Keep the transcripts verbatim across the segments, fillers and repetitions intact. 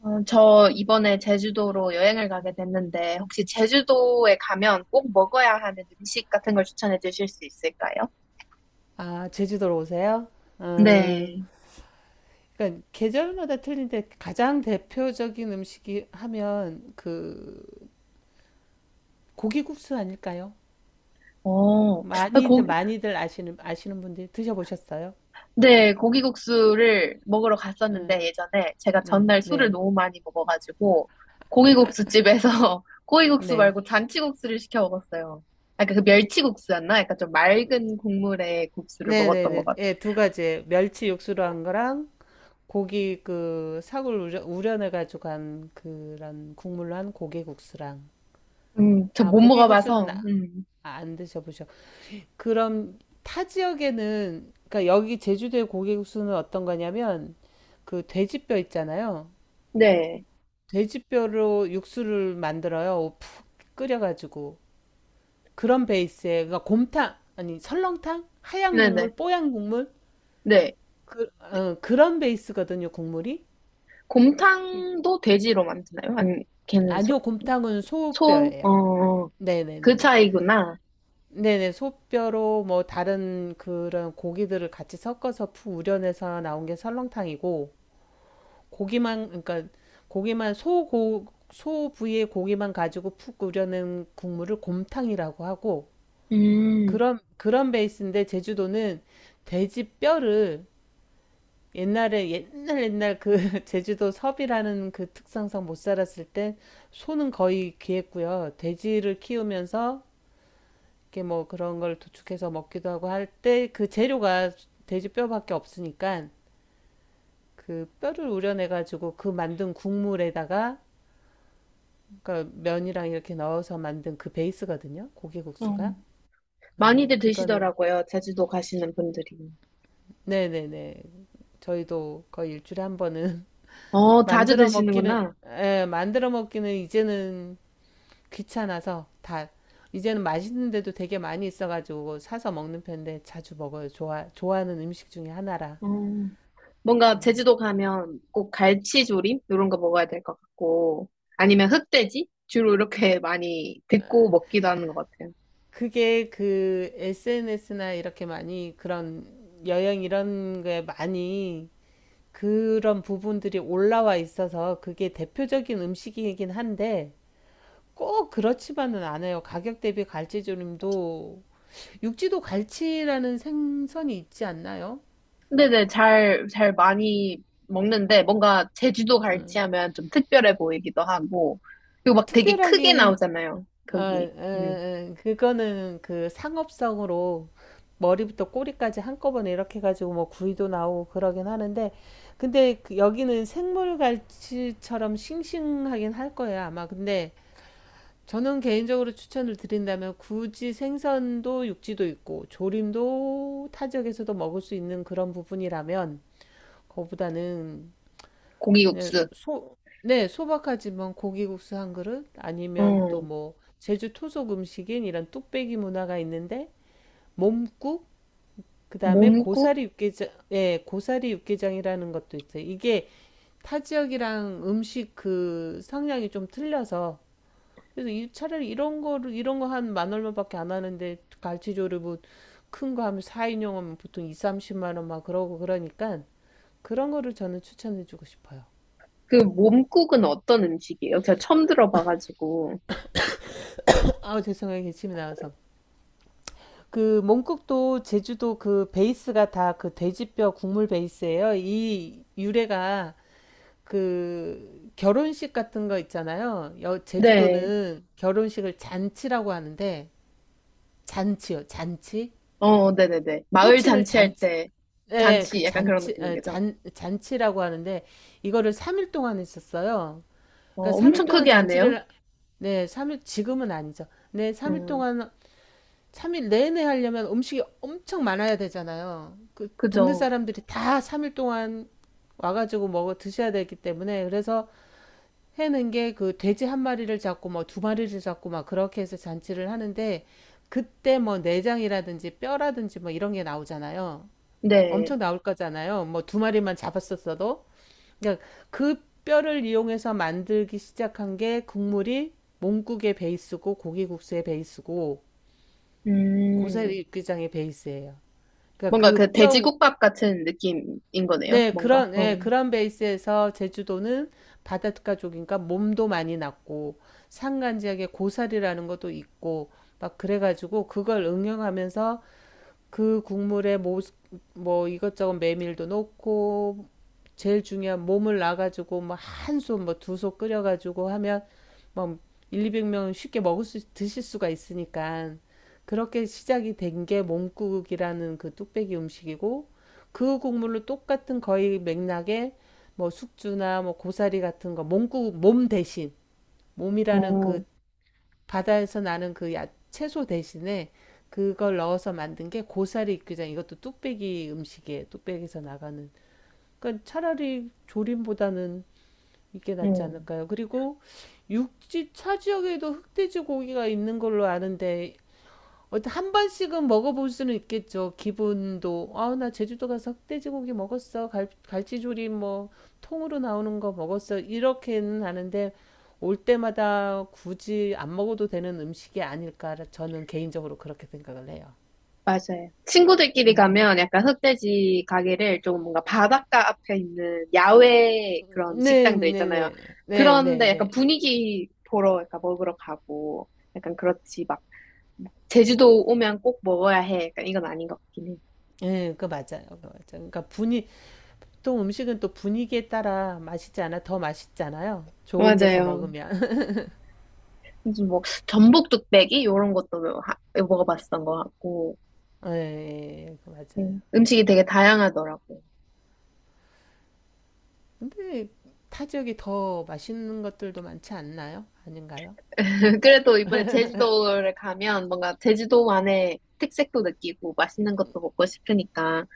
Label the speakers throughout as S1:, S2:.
S1: 어, 저 이번에 제주도로 여행을 가게 됐는데, 혹시 제주도에 가면 꼭 먹어야 하는 음식 같은 걸 추천해 주실 수 있을까요?
S2: 아, 제주도로 오세요? 아,
S1: 네.
S2: 그러니까 계절마다 틀린데 가장 대표적인 음식이 하면 그 고기국수 아닐까요?
S1: 어, 아,
S2: 많이들
S1: 고기,
S2: 많이들 아시는 아시는 분들 드셔보셨어요?
S1: 네, 고기국수를 먹으러 갔었는데,
S2: 응,
S1: 예전에 제가
S2: 네,
S1: 전날 술을
S2: 네,
S1: 너무 많이 먹어가지고, 고기국수 집에서 고기국수
S2: 네,
S1: 말고 잔치국수를 시켜 먹었어요. 약간 그 멸치국수였나? 약간 좀 맑은 국물의 국수를
S2: 네, 네,
S1: 먹었던 것
S2: 네,
S1: 같아요.
S2: 예, 두 가지 멸치 육수로 한 거랑 고기 그 사골 우려, 우려내 가지고 한 그런 국물로 한 고기국수랑
S1: 음, 저
S2: 아
S1: 못
S2: 고기국수는
S1: 먹어봐서,
S2: 아-
S1: 음,
S2: 안 드셔보셨. 그럼 타 지역에는 그러니까 여기 제주도의 고기 육수는 어떤 거냐면 그 돼지뼈 있잖아요.
S1: 네.
S2: 돼지뼈로 육수를 만들어요. 푹 끓여가지고 그런 베이스에 그러니까 곰탕 아니 설렁탕 하얀
S1: 네네.
S2: 국물 뽀얀 국물
S1: 네.
S2: 그, 어, 그런 베이스거든요 국물이.
S1: 곰탕도 돼지로 만드나요? 아니, 걔는 소,
S2: 아니요 곰탕은
S1: 소?
S2: 소뼈예요.
S1: 어, 그
S2: 네네네.
S1: 차이구나.
S2: 네네 소뼈로 뭐 다른 그런 고기들을 같이 섞어서 푹 우려내서 나온 게 설렁탕이고 고기만 그러니까 고기만 소고 소 부위의 고기만 가지고 푹 우려낸 국물을 곰탕이라고 하고
S1: 음,
S2: 그런 그런 베이스인데 제주도는 돼지 뼈를 옛날에 옛날 옛날 그 제주도 섭이라는 그 특성상 못 살았을 때 소는 거의 귀했고요. 돼지를 키우면서 이렇게 뭐 그런 걸 도축해서 먹기도 하고 할 때 그 재료가 돼지 뼈밖에 없으니까 그 뼈를 우려내 가지고 그 만든 국물에다가 그러니까 면이랑 이렇게 넣어서 만든 그 베이스거든요.
S1: 어.
S2: 고기국수가. 어,
S1: 많이들
S2: 그거는
S1: 드시더라고요. 제주도 가시는 분들이.
S2: 네네네. 저희도 거의 일주일에 한 번은
S1: 어, 자주
S2: 만들어 먹기는
S1: 드시는구나.
S2: 예, 만들어 먹기는 이제는 귀찮아서 다 이제는 맛있는 데도 되게 많이 있어가지고 사서 먹는 편인데 자주 먹어요. 좋아 좋아하는 음식 중에 하나라.
S1: 어, 뭔가
S2: 음.
S1: 제주도 가면 꼭 갈치조림? 이런 거 먹어야 될 것 같고, 아니면 흑돼지? 주로 이렇게 많이 듣고 먹기도 하는 것 같아요.
S2: 그게 그 에스엔에스나 이렇게 많이 그런 여행 이런 거에 많이 그런 부분들이 올라와 있어서 그게 대표적인 음식이긴 한데 꼭 그렇지만은 않아요. 가격 대비 갈치조림도 육지도 갈치라는 생선이 있지 않나요?
S1: 네네, 잘, 잘 많이 먹는데, 뭔가 제주도 갈치
S2: 음.
S1: 하면 좀 특별해 보이기도 하고, 그리고 막 되게 크게
S2: 특별하긴
S1: 나오잖아요.
S2: 아,
S1: 거기, 음,
S2: 음, 그거는 그 상업성으로 머리부터 꼬리까지 한꺼번에 이렇게 가지고 뭐 구이도 나오고 그러긴 하는데 근데 그 여기는 생물 갈치처럼 싱싱하긴 할 거예요 아마 근데 저는 개인적으로 추천을 드린다면 굳이 생선도 육지도 있고 조림도 타 지역에서도 먹을 수 있는 그런 부분이라면 거보다는 그냥
S1: 고기국수.
S2: 소, 네, 소박하지만 고기국수 한 그릇 아니면 또
S1: 음,
S2: 뭐 제주 토속 음식인 이런 뚝배기 문화가 있는데 몸국 그다음에
S1: 몸국?
S2: 고사리 육개장 예, 고사리 육개장이라는 것도 있어요. 이게 타 지역이랑 음식 그 성향이 좀 틀려서 그래서 이 차라리 이런 거를 이런 거 한 만 얼마밖에 안 하는데 갈치조를 뭐큰 거 하면 사 인용 하면 보통 이, 삼십만 원 막 그러고 그러니까 그런 거를 저는 추천해 주고 싶어요.
S1: 그 몸국은 어떤 음식이에요? 제가 처음 들어봐가지고.
S2: 아, 죄송해요. 기침이 나와서. 그 몽국도 제주도 그 베이스가 다 그 돼지뼈 국물 베이스예요. 이 유래가 그 결혼식 같은 거 있잖아요. 여,
S1: 네,
S2: 제주도는 결혼식을 잔치라고 하는데 잔치요. 잔치.
S1: 어, 네네네. 마을
S2: 호칭을
S1: 잔치할
S2: 잔치
S1: 때,
S2: 예,
S1: 잔치
S2: 그
S1: 약간 그런
S2: 잔치,
S1: 느낌인
S2: 에,
S1: 거죠?
S2: 잔, 잔치라고 하는데, 이거를 삼 일 동안 했었어요.
S1: 어,
S2: 그러니까 삼 일
S1: 엄청
S2: 동안
S1: 크게 하네요.
S2: 잔치를, 네, 삼일 지금은 아니죠. 네, 삼 일
S1: 음,
S2: 동안, 삼 일 내내 하려면 음식이 엄청 많아야 되잖아요. 그 동네
S1: 그죠.
S2: 사람들이 다 삼 일 동안 와가지고 먹어 드셔야 되기 때문에, 그래서 해는 게 그 돼지 한 마리를 잡고 뭐 두 마리를 잡고 막 그렇게 해서 잔치를 하는데, 그때 뭐 내장이라든지 뼈라든지 뭐 이런 게 나오잖아요.
S1: 네.
S2: 엄청 나올 거잖아요. 뭐 두 마리만 잡았었어도. 그러니까 그 뼈를 이용해서 만들기 시작한 게 국물이 몽국의 베이스고 고기국수의 베이스고
S1: 음,
S2: 고사리 육개장의 베이스예요. 그러니까
S1: 뭔가 그
S2: 그 뼈,
S1: 돼지국밥 같은 느낌인 거네요,
S2: 네,
S1: 뭔가.
S2: 그런,
S1: 어.
S2: 네, 그런 베이스에서 제주도는 바닷가족인가 몸도 많이 났고 산간 지역에 고사리라는 것도 있고 막 그래가지고 그걸 응용하면서 그 국물에 뭐, 뭐 이것저것 메밀도 넣고 제일 중요한 몸을 놔가지고 뭐 한 솥, 뭐 두 솥 끓여가지고 하면 뭐 백, 이백 명 쉽게 먹을 수 드실 수가 있으니까 그렇게 시작이 된 게 몸국이라는 그 뚝배기 음식이고 그 국물로 똑같은 거의 맥락에 뭐 숙주나 뭐 고사리 같은 거 몸국 몸 대신 몸이라는
S1: 어,
S2: 그 바다에서 나는 그 야- 채소 대신에 그걸 넣어서 만든 게 고사리 육개장 이것도 뚝배기 음식이에요. 뚝배기에서 나가는 그러니까 차라리 조림보다는 이게 낫지
S1: 음,
S2: 않을까요? 그리고 육지 차 지역에도 흑돼지 고기가 있는 걸로 아는데 어한 번씩은 먹어볼 수는 있겠죠. 기분도 아 나 제주도 가서 흑돼지 고기 먹었어. 갈, 갈치조림 뭐 통으로 나오는 거 먹었어. 이렇게는 아는데 올 때마다 굳이 안 먹어도 되는 음식이 아닐까 저는 개인적으로 그렇게 생각을 해요.
S1: 맞아요. 친구들끼리 가면 약간 흑돼지 가게를 좀 뭔가 바닷가 앞에 있는 야외 그런
S2: 네,
S1: 식당들
S2: 네,
S1: 있잖아요.
S2: 네, 네, 네,
S1: 그런데
S2: 네.
S1: 약간 분위기 보러 약간 먹으러 가고 약간 그렇지 막 제주도 오면 꼭 먹어야 해. 약간 이건 아닌 것 같긴 해요.
S2: 예, 그 맞아요. 그 맞아요. 그러니까 분이 보통 음식은 또 분위기에 따라 맛있지 않아 더 맛있잖아요. 좋은 데서
S1: 맞아요.
S2: 먹으면.
S1: 무슨 뭐 전복 뚝배기 이런 것도 하- 먹어봤던 것 같고
S2: 예, 그
S1: 음,
S2: 맞아요.
S1: 음식이 되게 다양하더라고요.
S2: 근데 타 지역이 더 맛있는 것들도 많지 않나요? 아닌가요?
S1: 그래도 이번에 제주도를 가면 뭔가 제주도만의 특색도 느끼고 맛있는 것도 먹고 싶으니까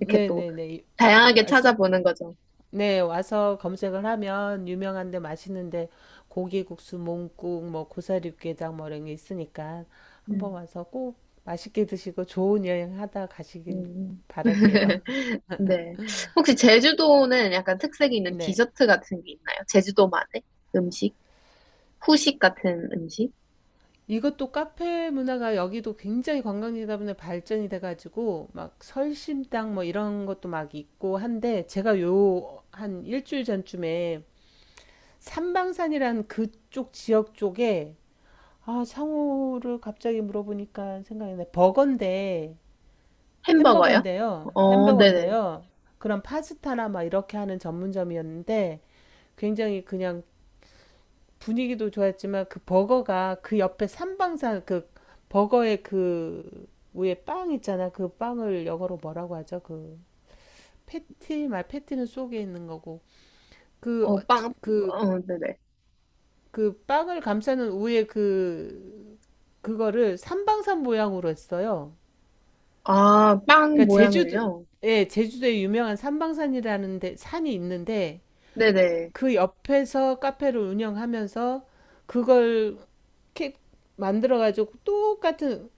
S1: 이렇게 또 다양하게
S2: 왔을,
S1: 찾아보는 거죠.
S2: 네, 와서 검색을 하면 유명한데 맛있는데 고기국수, 몽국, 뭐 고사리육개장 뭐 이런 게 있으니까 한번
S1: 음.
S2: 와서 꼭 맛있게 드시고 좋은 여행 하다 가시길
S1: 음.
S2: 바랄게요.
S1: 네. 혹시 제주도는 약간 특색이 있는
S2: 네.
S1: 디저트 같은 게 있나요? 제주도만의 음식? 후식 같은 음식?
S2: 이것도 카페 문화가 여기도 굉장히 관광지다 보니 발전이 돼가지고 막 설심당 뭐 이런 것도 막 있고 한데 제가 요 한 일주일 전쯤에 삼방산이란 그쪽 지역 쪽에 아 상호를 갑자기 물어보니까 생각이 나 버거인데
S1: 햄버거요?
S2: 햄버거인데요
S1: 어, 네네.
S2: 햄버거인데요 그런 파스타나 막 이렇게 하는 전문점이었는데 굉장히 그냥 분위기도 좋았지만 그 버거가 그 옆에 삼방산 그 버거의 그 위에 빵 있잖아. 그 빵을 영어로 뭐라고 하죠? 그 패티 말 패티는 속에 있는 거고 그
S1: 어,
S2: 그그
S1: 빵,
S2: 그
S1: 어, 네네.
S2: 그 빵을 감싸는 우에 그 그거를 삼방산 모양으로 했어요.
S1: 아, 빵
S2: 그러니까 제주도
S1: 모양을요?
S2: 예, 제주도에 유명한 삼방산이라는 데 산이 있는데
S1: 네네.
S2: 그 옆에서 카페를 운영하면서 그걸 이렇게 만들어가지고 똑같은,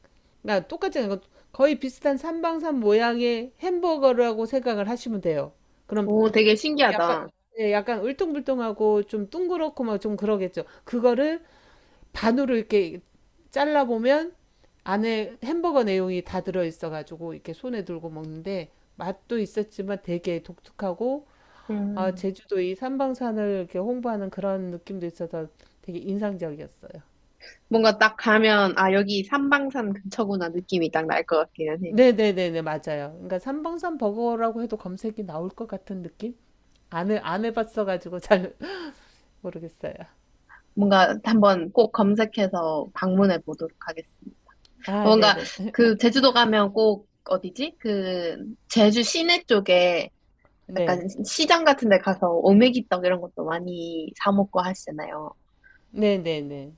S2: 그러니까 똑같은 거 거의 비슷한 삼방산 모양의 햄버거라고 생각을 하시면 돼요. 그럼
S1: 오, 되게
S2: 약간,
S1: 신기하다.
S2: 예, 약간 울퉁불퉁하고 좀 둥그렇고 막 좀 그러겠죠. 그거를 반으로 이렇게 잘라보면 안에 햄버거 내용이 다 들어있어가지고 이렇게 손에 들고 먹는데 맛도 있었지만 되게 독특하고 아,
S1: 음...
S2: 제주도 이 삼방산을 이렇게 홍보하는 그런 느낌도 있어서 되게 인상적이었어요.
S1: 뭔가 딱 가면, 아, 여기 삼방산 근처구나 느낌이 딱 날 것 같기는 해.
S2: 네네네네 맞아요. 그러니까 삼방산 버거라고 해도 검색이 나올 것 같은 느낌? 안 해, 안 해봤어가지고 잘 모르겠어요.
S1: 뭔가 한번 꼭 검색해서 방문해 보도록 하겠습니다. 어,
S2: 아
S1: 뭔가
S2: 네네
S1: 그 제주도 가면 꼭 어디지? 그 제주 시내 쪽에
S2: 네
S1: 약간 시장 같은 데 가서 오메기떡 이런 것도 많이 사 먹고 하시잖아요.
S2: 네네네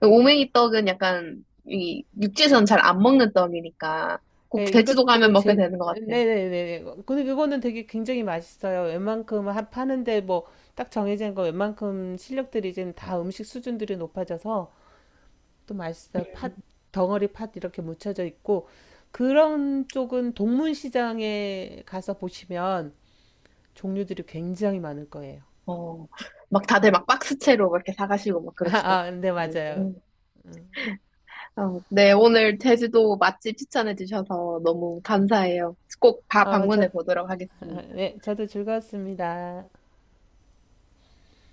S1: 오메기떡은 약간 이 육지에서는 잘 안 먹는 떡이니까 꼭
S2: 네,
S1: 제주도 가면
S2: 이것도
S1: 먹게
S2: 제
S1: 되는 것 같아요.
S2: 네네네 근데 그거는 되게 굉장히 맛있어요. 웬만큼 하- 파는데 뭐 딱 정해진 거 웬만큼 실력들이 이제 다 음식 수준들이 높아져서 또 맛있어요.
S1: 음.
S2: 팥 덩어리 팥 이렇게 묻혀져 있고 그런 쪽은 동문시장에 가서 보시면 종류들이 굉장히 많을 거예요.
S1: 어, 막 다들 막 박스채로 막 이렇게 사가시고 막
S2: 아, 아, 네,
S1: 그러시더라고요.
S2: 맞아요.
S1: 음. 어, 네, 오늘 제주도 맛집 추천해 주셔서 너무 감사해요. 꼭 다
S2: 어,
S1: 방문해
S2: 저,
S1: 보도록 하겠습니다.
S2: 네, 저도 즐거웠습니다.